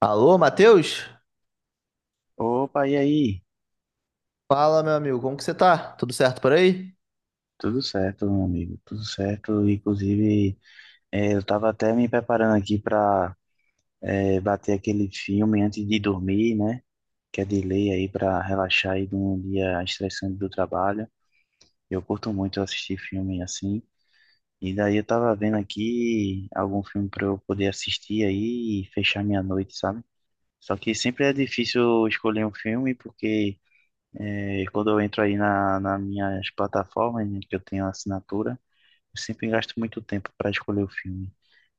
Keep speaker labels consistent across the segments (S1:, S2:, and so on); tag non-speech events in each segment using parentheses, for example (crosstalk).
S1: Alô, Matheus?
S2: Opa, e aí?
S1: Fala, meu amigo, como que você tá? Tudo certo por aí?
S2: Tudo certo, meu amigo, tudo certo. Inclusive, eu estava até me preparando aqui para bater aquele filme antes de dormir, né? Que é de lei aí para relaxar aí de um dia estressante do trabalho. Eu curto muito assistir filme assim. E daí eu tava vendo aqui algum filme para eu poder assistir aí e fechar minha noite, sabe? Só que sempre é difícil escolher um filme porque quando eu entro aí nas minhas plataformas, né, que eu tenho assinatura. Eu sempre gasto muito tempo para escolher o filme.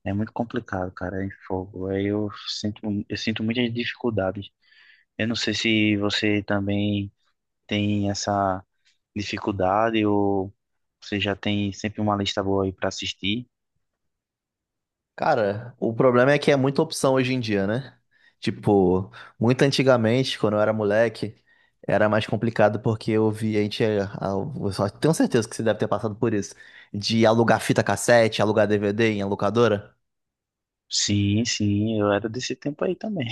S2: É muito complicado, cara, em fogo. Eu sinto muitas dificuldades. Eu não sei se você também tem essa dificuldade ou você já tem sempre uma lista boa aí para assistir.
S1: Cara, o problema é que é muita opção hoje em dia, né? Tipo, muito antigamente, quando eu era moleque, era mais complicado porque eu via a gente, eu só tenho certeza que você deve ter passado por isso, de alugar fita cassete, alugar DVD em locadora.
S2: Sim, sim, eu era desse tempo aí também.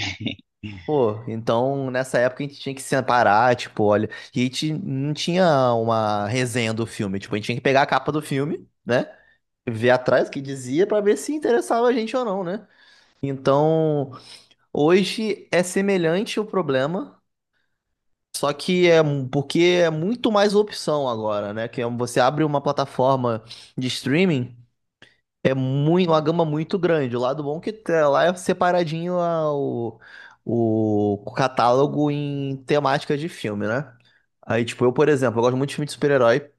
S1: Pô, então nessa época a gente tinha que separar, tipo, olha, e a gente não tinha uma resenha do filme, tipo, a gente tinha que pegar a capa do filme, né? Ver atrás o que dizia para ver se interessava a gente ou não, né? Então, hoje é semelhante o problema, só que é mu- porque é muito mais opção agora, né? Você abre uma plataforma de streaming, é muito, uma gama muito grande. O lado bom é que tá lá é separadinho o catálogo em temática de filme, né? Aí, tipo, eu, por exemplo, eu gosto muito de filme de super-herói.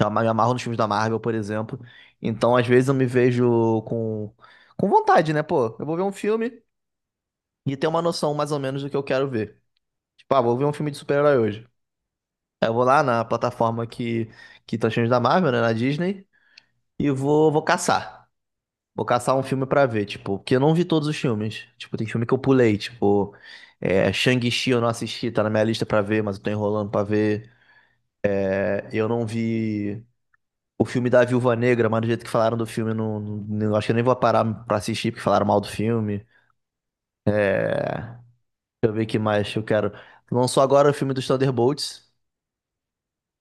S1: Me amarro nos filmes da Marvel, por exemplo. Então, às vezes, eu me vejo com vontade, né? Pô, eu vou ver um filme e ter uma noção mais ou menos do que eu quero ver. Tipo, ah, vou ver um filme de super-herói hoje. Aí eu vou lá na plataforma que tá os filmes da Marvel, né? Na Disney, e vou caçar. Vou caçar um filme pra ver, tipo, porque eu não vi todos os filmes. Tipo, tem filme que eu pulei, tipo, é, Shang-Chi eu não assisti, tá na minha lista pra ver, mas eu tô enrolando pra ver. É, eu não vi o filme da Viúva Negra, mas do jeito que falaram do filme, acho que eu nem vou parar pra assistir, porque falaram mal do filme. Deixa eu ver o que mais que eu quero. Lançou agora o filme dos Thunderbolts,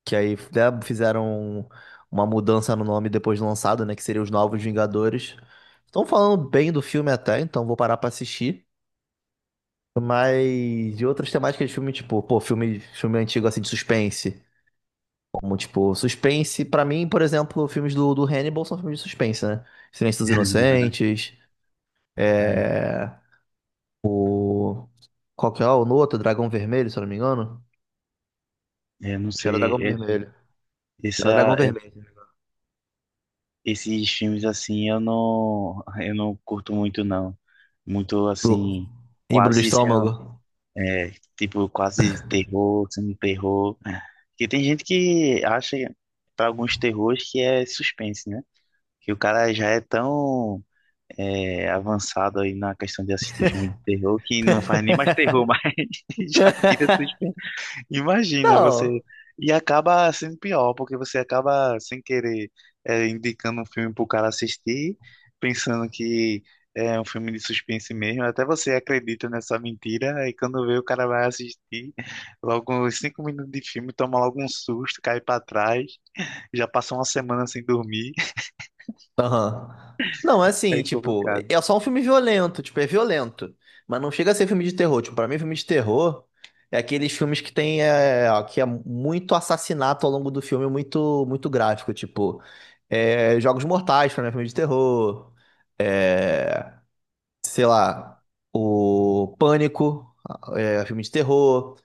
S1: que aí né, fizeram uma mudança no nome depois de lançado, né? Que seria os Novos Vingadores. Estão falando bem do filme até, então vou parar pra assistir. Mas de outras temáticas de filme, tipo, pô, filme antigo assim de suspense. Como, tipo, suspense, pra mim, por exemplo, filmes do Hannibal são filmes de suspense, né? Silêncio dos Inocentes.
S2: Aí,
S1: É... Qual que é lá? O outro Dragão Vermelho, se eu não me engano.
S2: eu não
S1: Acho que era
S2: sei,
S1: Dragão Vermelho. Era Dragão
S2: essa,
S1: Vermelho.
S2: esses filmes assim eu não curto muito não. Muito
S1: Do...
S2: assim,
S1: Embrulho de
S2: quase sendo
S1: estômago.
S2: tipo, quase terror, semi-terror. Que tem gente que acha, para alguns terrores, que é suspense, né? Que o cara já é tão avançado aí na questão de assistir filme de terror que não faz nem mais terror, (laughs) mas já vira
S1: (laughs)
S2: suspense. Imagina
S1: Não.
S2: você. E acaba sendo pior, porque você acaba sem querer indicando um filme para o cara assistir, pensando que é um filme de suspense mesmo. Até você acredita nessa mentira, e quando vê o cara vai assistir, logo uns cinco minutos de filme, toma logo um susto, cai para trás, já passa uma semana sem dormir. (laughs)
S1: Aham. Não, é assim,
S2: É
S1: tipo,
S2: complicado.
S1: é só um filme violento, tipo, é violento. Mas não chega a ser filme de terror. Tipo, pra mim, filme de terror é aqueles filmes que tem, é, que é muito assassinato ao longo do filme, muito, muito gráfico. Tipo, é, Jogos Mortais, pra mim, é filme de terror. É, sei lá, o Pânico, é, filme de terror.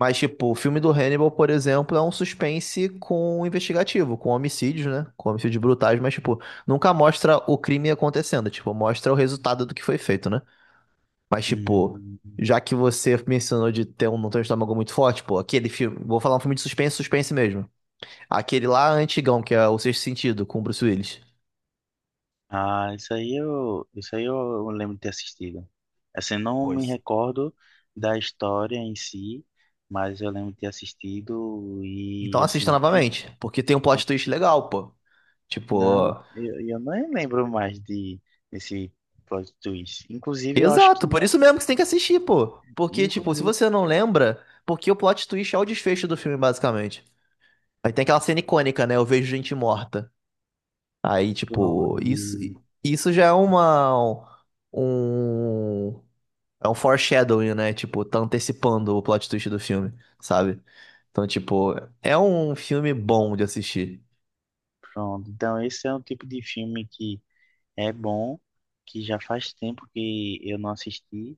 S1: Mas, tipo, o filme do Hannibal, por exemplo, é um suspense com investigativo, com homicídios, né? Com homicídios brutais, mas, tipo, nunca mostra o crime acontecendo, tipo, mostra o resultado do que foi feito, né? Mas, tipo,
S2: Hum.
S1: já que você mencionou de ter um, não ter um estômago muito forte, pô, aquele filme, vou falar um filme de suspense, suspense mesmo. Aquele lá antigão, que é O Sexto Sentido, com o Bruce Willis.
S2: Ah, isso aí eu lembro de ter assistido. Assim, eu não me
S1: Pois.
S2: recordo da história em si, mas eu lembro de ter assistido
S1: Então
S2: e
S1: assista
S2: assim, que-
S1: novamente, porque tem um plot twist legal, pô.
S2: não,
S1: Tipo,
S2: eu nem lembro mais de desse plot twist. Inclusive, eu acho
S1: exato,
S2: que,
S1: por isso mesmo que você tem que assistir, pô. Porque, tipo, se
S2: inclusive,
S1: você não lembra, porque o plot twist é o desfecho do filme, basicamente. Aí tem aquela cena icônica, né? Eu vejo gente morta. Aí,
S2: pronto,
S1: tipo, isso,
S2: e-
S1: isso já é um, é um foreshadowing, né? Tipo, tá antecipando o plot twist do filme, sabe? Então, tipo, é um filme bom de assistir.
S2: pronto. Então, esse é um tipo de filme que é bom, que já faz tempo que eu não assisti.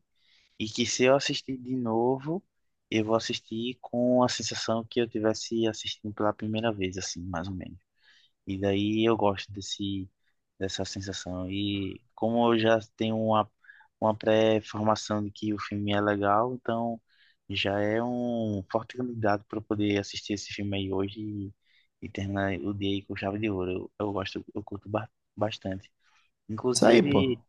S2: E que se eu assistir de novo, eu vou assistir com a sensação que eu tivesse assistindo pela primeira vez, assim, mais ou menos. E daí eu gosto dessa sensação. E como eu já tenho uma pré-formação de que o filme é legal, então já é um forte candidato para eu poder assistir esse filme aí hoje e terminar o dia aí com chave de ouro. Eu gosto, bastante.
S1: Isso aí, pô.
S2: Inclusive.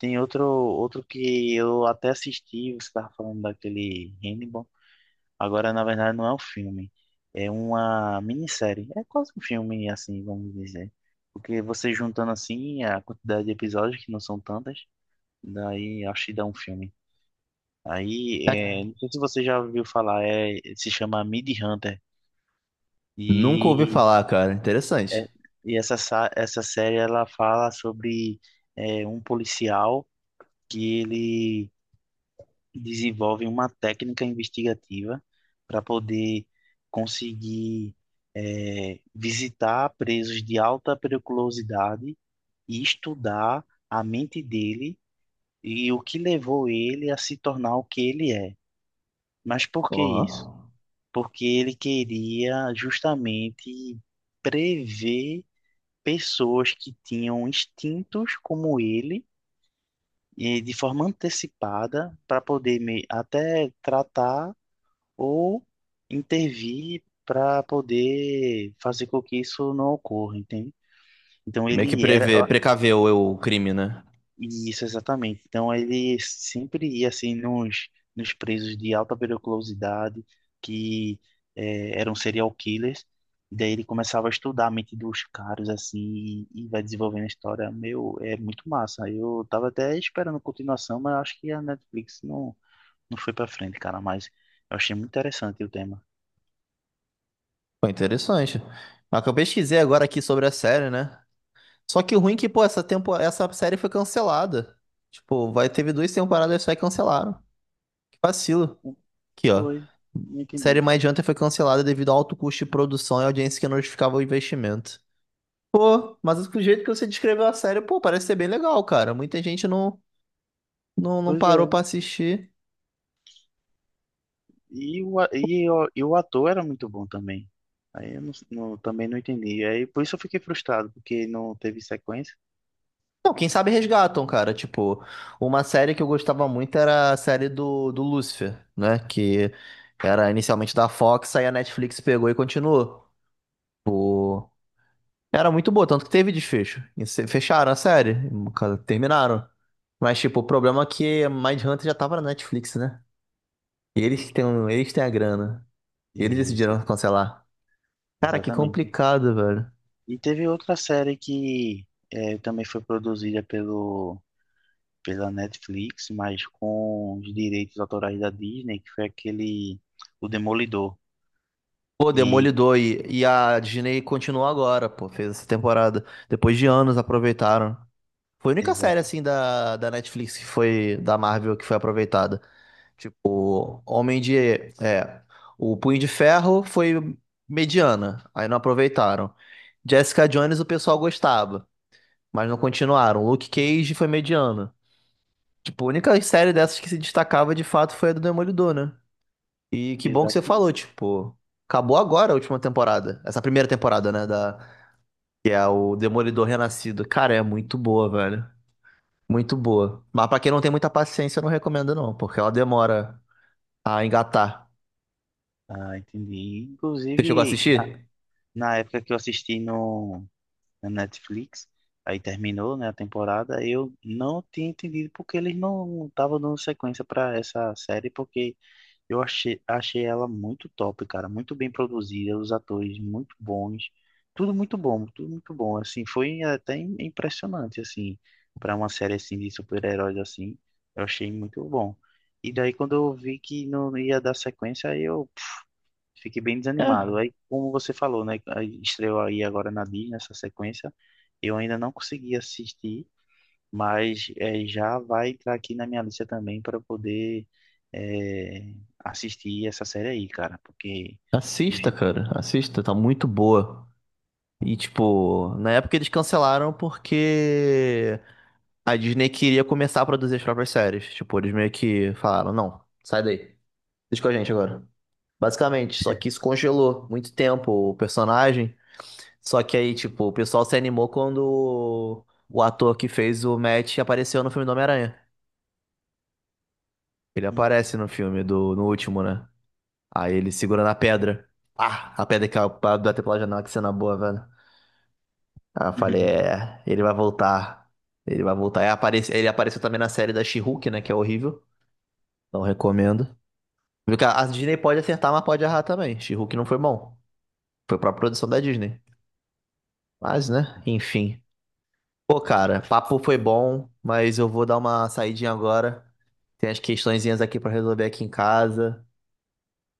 S2: Tem outro que eu até assisti, você estava falando daquele Hannibal. Agora, na verdade, não é um filme, é uma minissérie. É quase um filme, assim, vamos dizer. Porque você juntando assim a quantidade de episódios, que não são tantas, daí acho que dá um filme. Aí,
S1: É-
S2: não sei se você já ouviu falar, se chama Mid Hunter.
S1: Nunca ouvi
S2: E,
S1: falar, cara. Interessante.
S2: é, e essa série ela fala sobre um policial que ele desenvolvem uma técnica investigativa para poder conseguir visitar presos de alta periculosidade e estudar a mente dele e o que levou ele a se tornar o que ele é. Mas por
S1: Ó.
S2: que isso? Porque ele queria justamente prever pessoas que tinham instintos como ele, e de forma antecipada, para poder até tratar ou intervir para poder fazer com que isso não ocorra, entende? Então
S1: Meio que
S2: ele era
S1: prever, precaver o crime, né?
S2: isso exatamente. Então ele sempre ia assim nos presos de alta periculosidade que eram serial killers. E daí ele começava a estudar a mente dos caras assim e vai desenvolvendo a história. Meu, é muito massa. Eu tava até esperando continuação, mas acho que a Netflix não foi para frente, cara, mas eu achei muito interessante o tema.
S1: Foi interessante. Mas que eu pesquisei agora aqui sobre a série, né? Só que o ruim é que, pô, essa série foi cancelada. Tipo, vai... teve duas temporadas só e cancelaram. Que vacilo. Aqui, ó.
S2: Pois, não
S1: Série
S2: entendi.
S1: mais Hunter foi cancelada devido ao alto custo de produção e audiência que não justificava o investimento. Pô, mas do jeito que você descreveu a série, pô, parece ser bem legal, cara. Muita gente não
S2: Pois
S1: parou
S2: é.
S1: pra assistir.
S2: E o, a- e o ator era muito bom também. Aí eu não, não- também não entendi. Aí por isso eu fiquei frustrado, porque não teve sequência.
S1: Não, quem sabe resgatam, cara. Tipo, uma série que eu gostava muito era a série do Lúcifer, né? Que era inicialmente da Fox, aí a Netflix pegou e continuou. Tipo, era muito boa, tanto que teve desfecho. E se- fecharam a série, cara, terminaram. Mas, tipo, o problema é que Mindhunter já tava na Netflix, né? E eles que têm, um- eles têm a grana. E eles
S2: Isso,
S1: decidiram cancelar. Cara, que
S2: exatamente.
S1: complicado, velho.
S2: E teve outra série que também foi produzida pela Netflix, mas com os direitos autorais da Disney, que foi aquele O Demolidor.
S1: Pô,
S2: E
S1: Demolidor e a Disney continuou agora, pô. Fez essa temporada. Depois de anos aproveitaram. Foi a única série,
S2: exata,
S1: assim, da Netflix que foi, da Marvel, que foi aproveitada. Tipo, Homem de... É, o Punho de Ferro foi mediana, aí não aproveitaram. Jessica Jones o pessoal gostava, mas não continuaram. Luke Cage foi mediano. Tipo, a única série dessas que se destacava, de fato, foi a do Demolidor, né? E que bom que você
S2: exatamente.
S1: falou, tipo... Acabou agora a última temporada. Essa primeira temporada, né? Que é o Demolidor Renascido. Cara, é muito boa, velho. Muito boa. Mas pra quem não tem muita paciência, eu não recomendo não, porque ela demora a engatar.
S2: Ah, entendi.
S1: Você chegou a
S2: Inclusive,
S1: assistir?
S2: na época que eu assisti no na Netflix. Aí terminou, né, a temporada. Eu não tinha entendido porque eles não estavam dando sequência para essa série, porque achei ela muito top, cara, muito bem produzida, os atores muito bons, tudo muito bom. Assim, foi até impressionante assim para uma série assim de super-heróis assim. Eu achei muito bom. E daí quando eu vi que não ia dar sequência, aí eu fiquei bem desanimado.
S1: É,
S2: Aí, como você falou, né? aí Estreou aí agora na Disney essa sequência. Eu ainda não consegui assistir, mas já vai entrar aqui na minha lista também para poder eh, assistir essa série aí, cara. Porque. Do
S1: assista,
S2: jeito-
S1: cara. Assista, tá muito boa. E, tipo, na época eles cancelaram porque a Disney queria começar a produzir as próprias séries. Tipo, eles meio que falaram, não, sai daí. Deixa com a gente agora. Basicamente, só que isso congelou muito tempo o personagem. Só que aí, tipo, o pessoal se animou quando o ator que fez o Matt apareceu no filme do Homem-Aranha. Ele
S2: Hum.
S1: aparece no filme do, no último, né? Aí ele segura na pedra. Ah, a pedra que bateu pela janela, que cena boa, velho. Aí eu falei,
S2: (laughs)
S1: é, ele vai voltar. Ele vai voltar. Aí aparece- ele apareceu também na série da She-Hulk, né? Que é horrível. Não recomendo. Porque a Disney pode acertar, mas pode errar também. She-Hulk não foi bom. Foi pra produção da Disney. Mas, né? Enfim. Pô, cara, papo foi bom, mas eu vou dar uma saidinha agora. Tem as questõezinhas aqui pra resolver aqui em casa.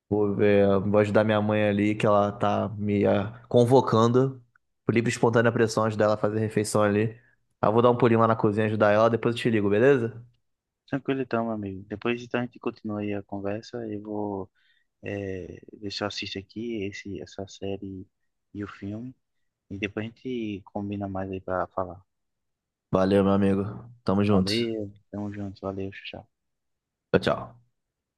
S1: Vou ver, vou ajudar minha mãe ali, que ela tá me convocando por livre e espontânea pressão, ajudar ela a fazer a refeição ali. Aí eu vou dar um pulinho lá na cozinha, ajudar ela, depois eu te ligo, beleza?
S2: Tranquilo então, meu amigo. Depois então a gente continua aí a conversa. Ver se eu assisto aqui essa série e o filme. E depois a gente combina mais aí para falar.
S1: Valeu, meu amigo. Tamo junto.
S2: Valeu, tamo junto, valeu, tchau.
S1: Tchau, tchau.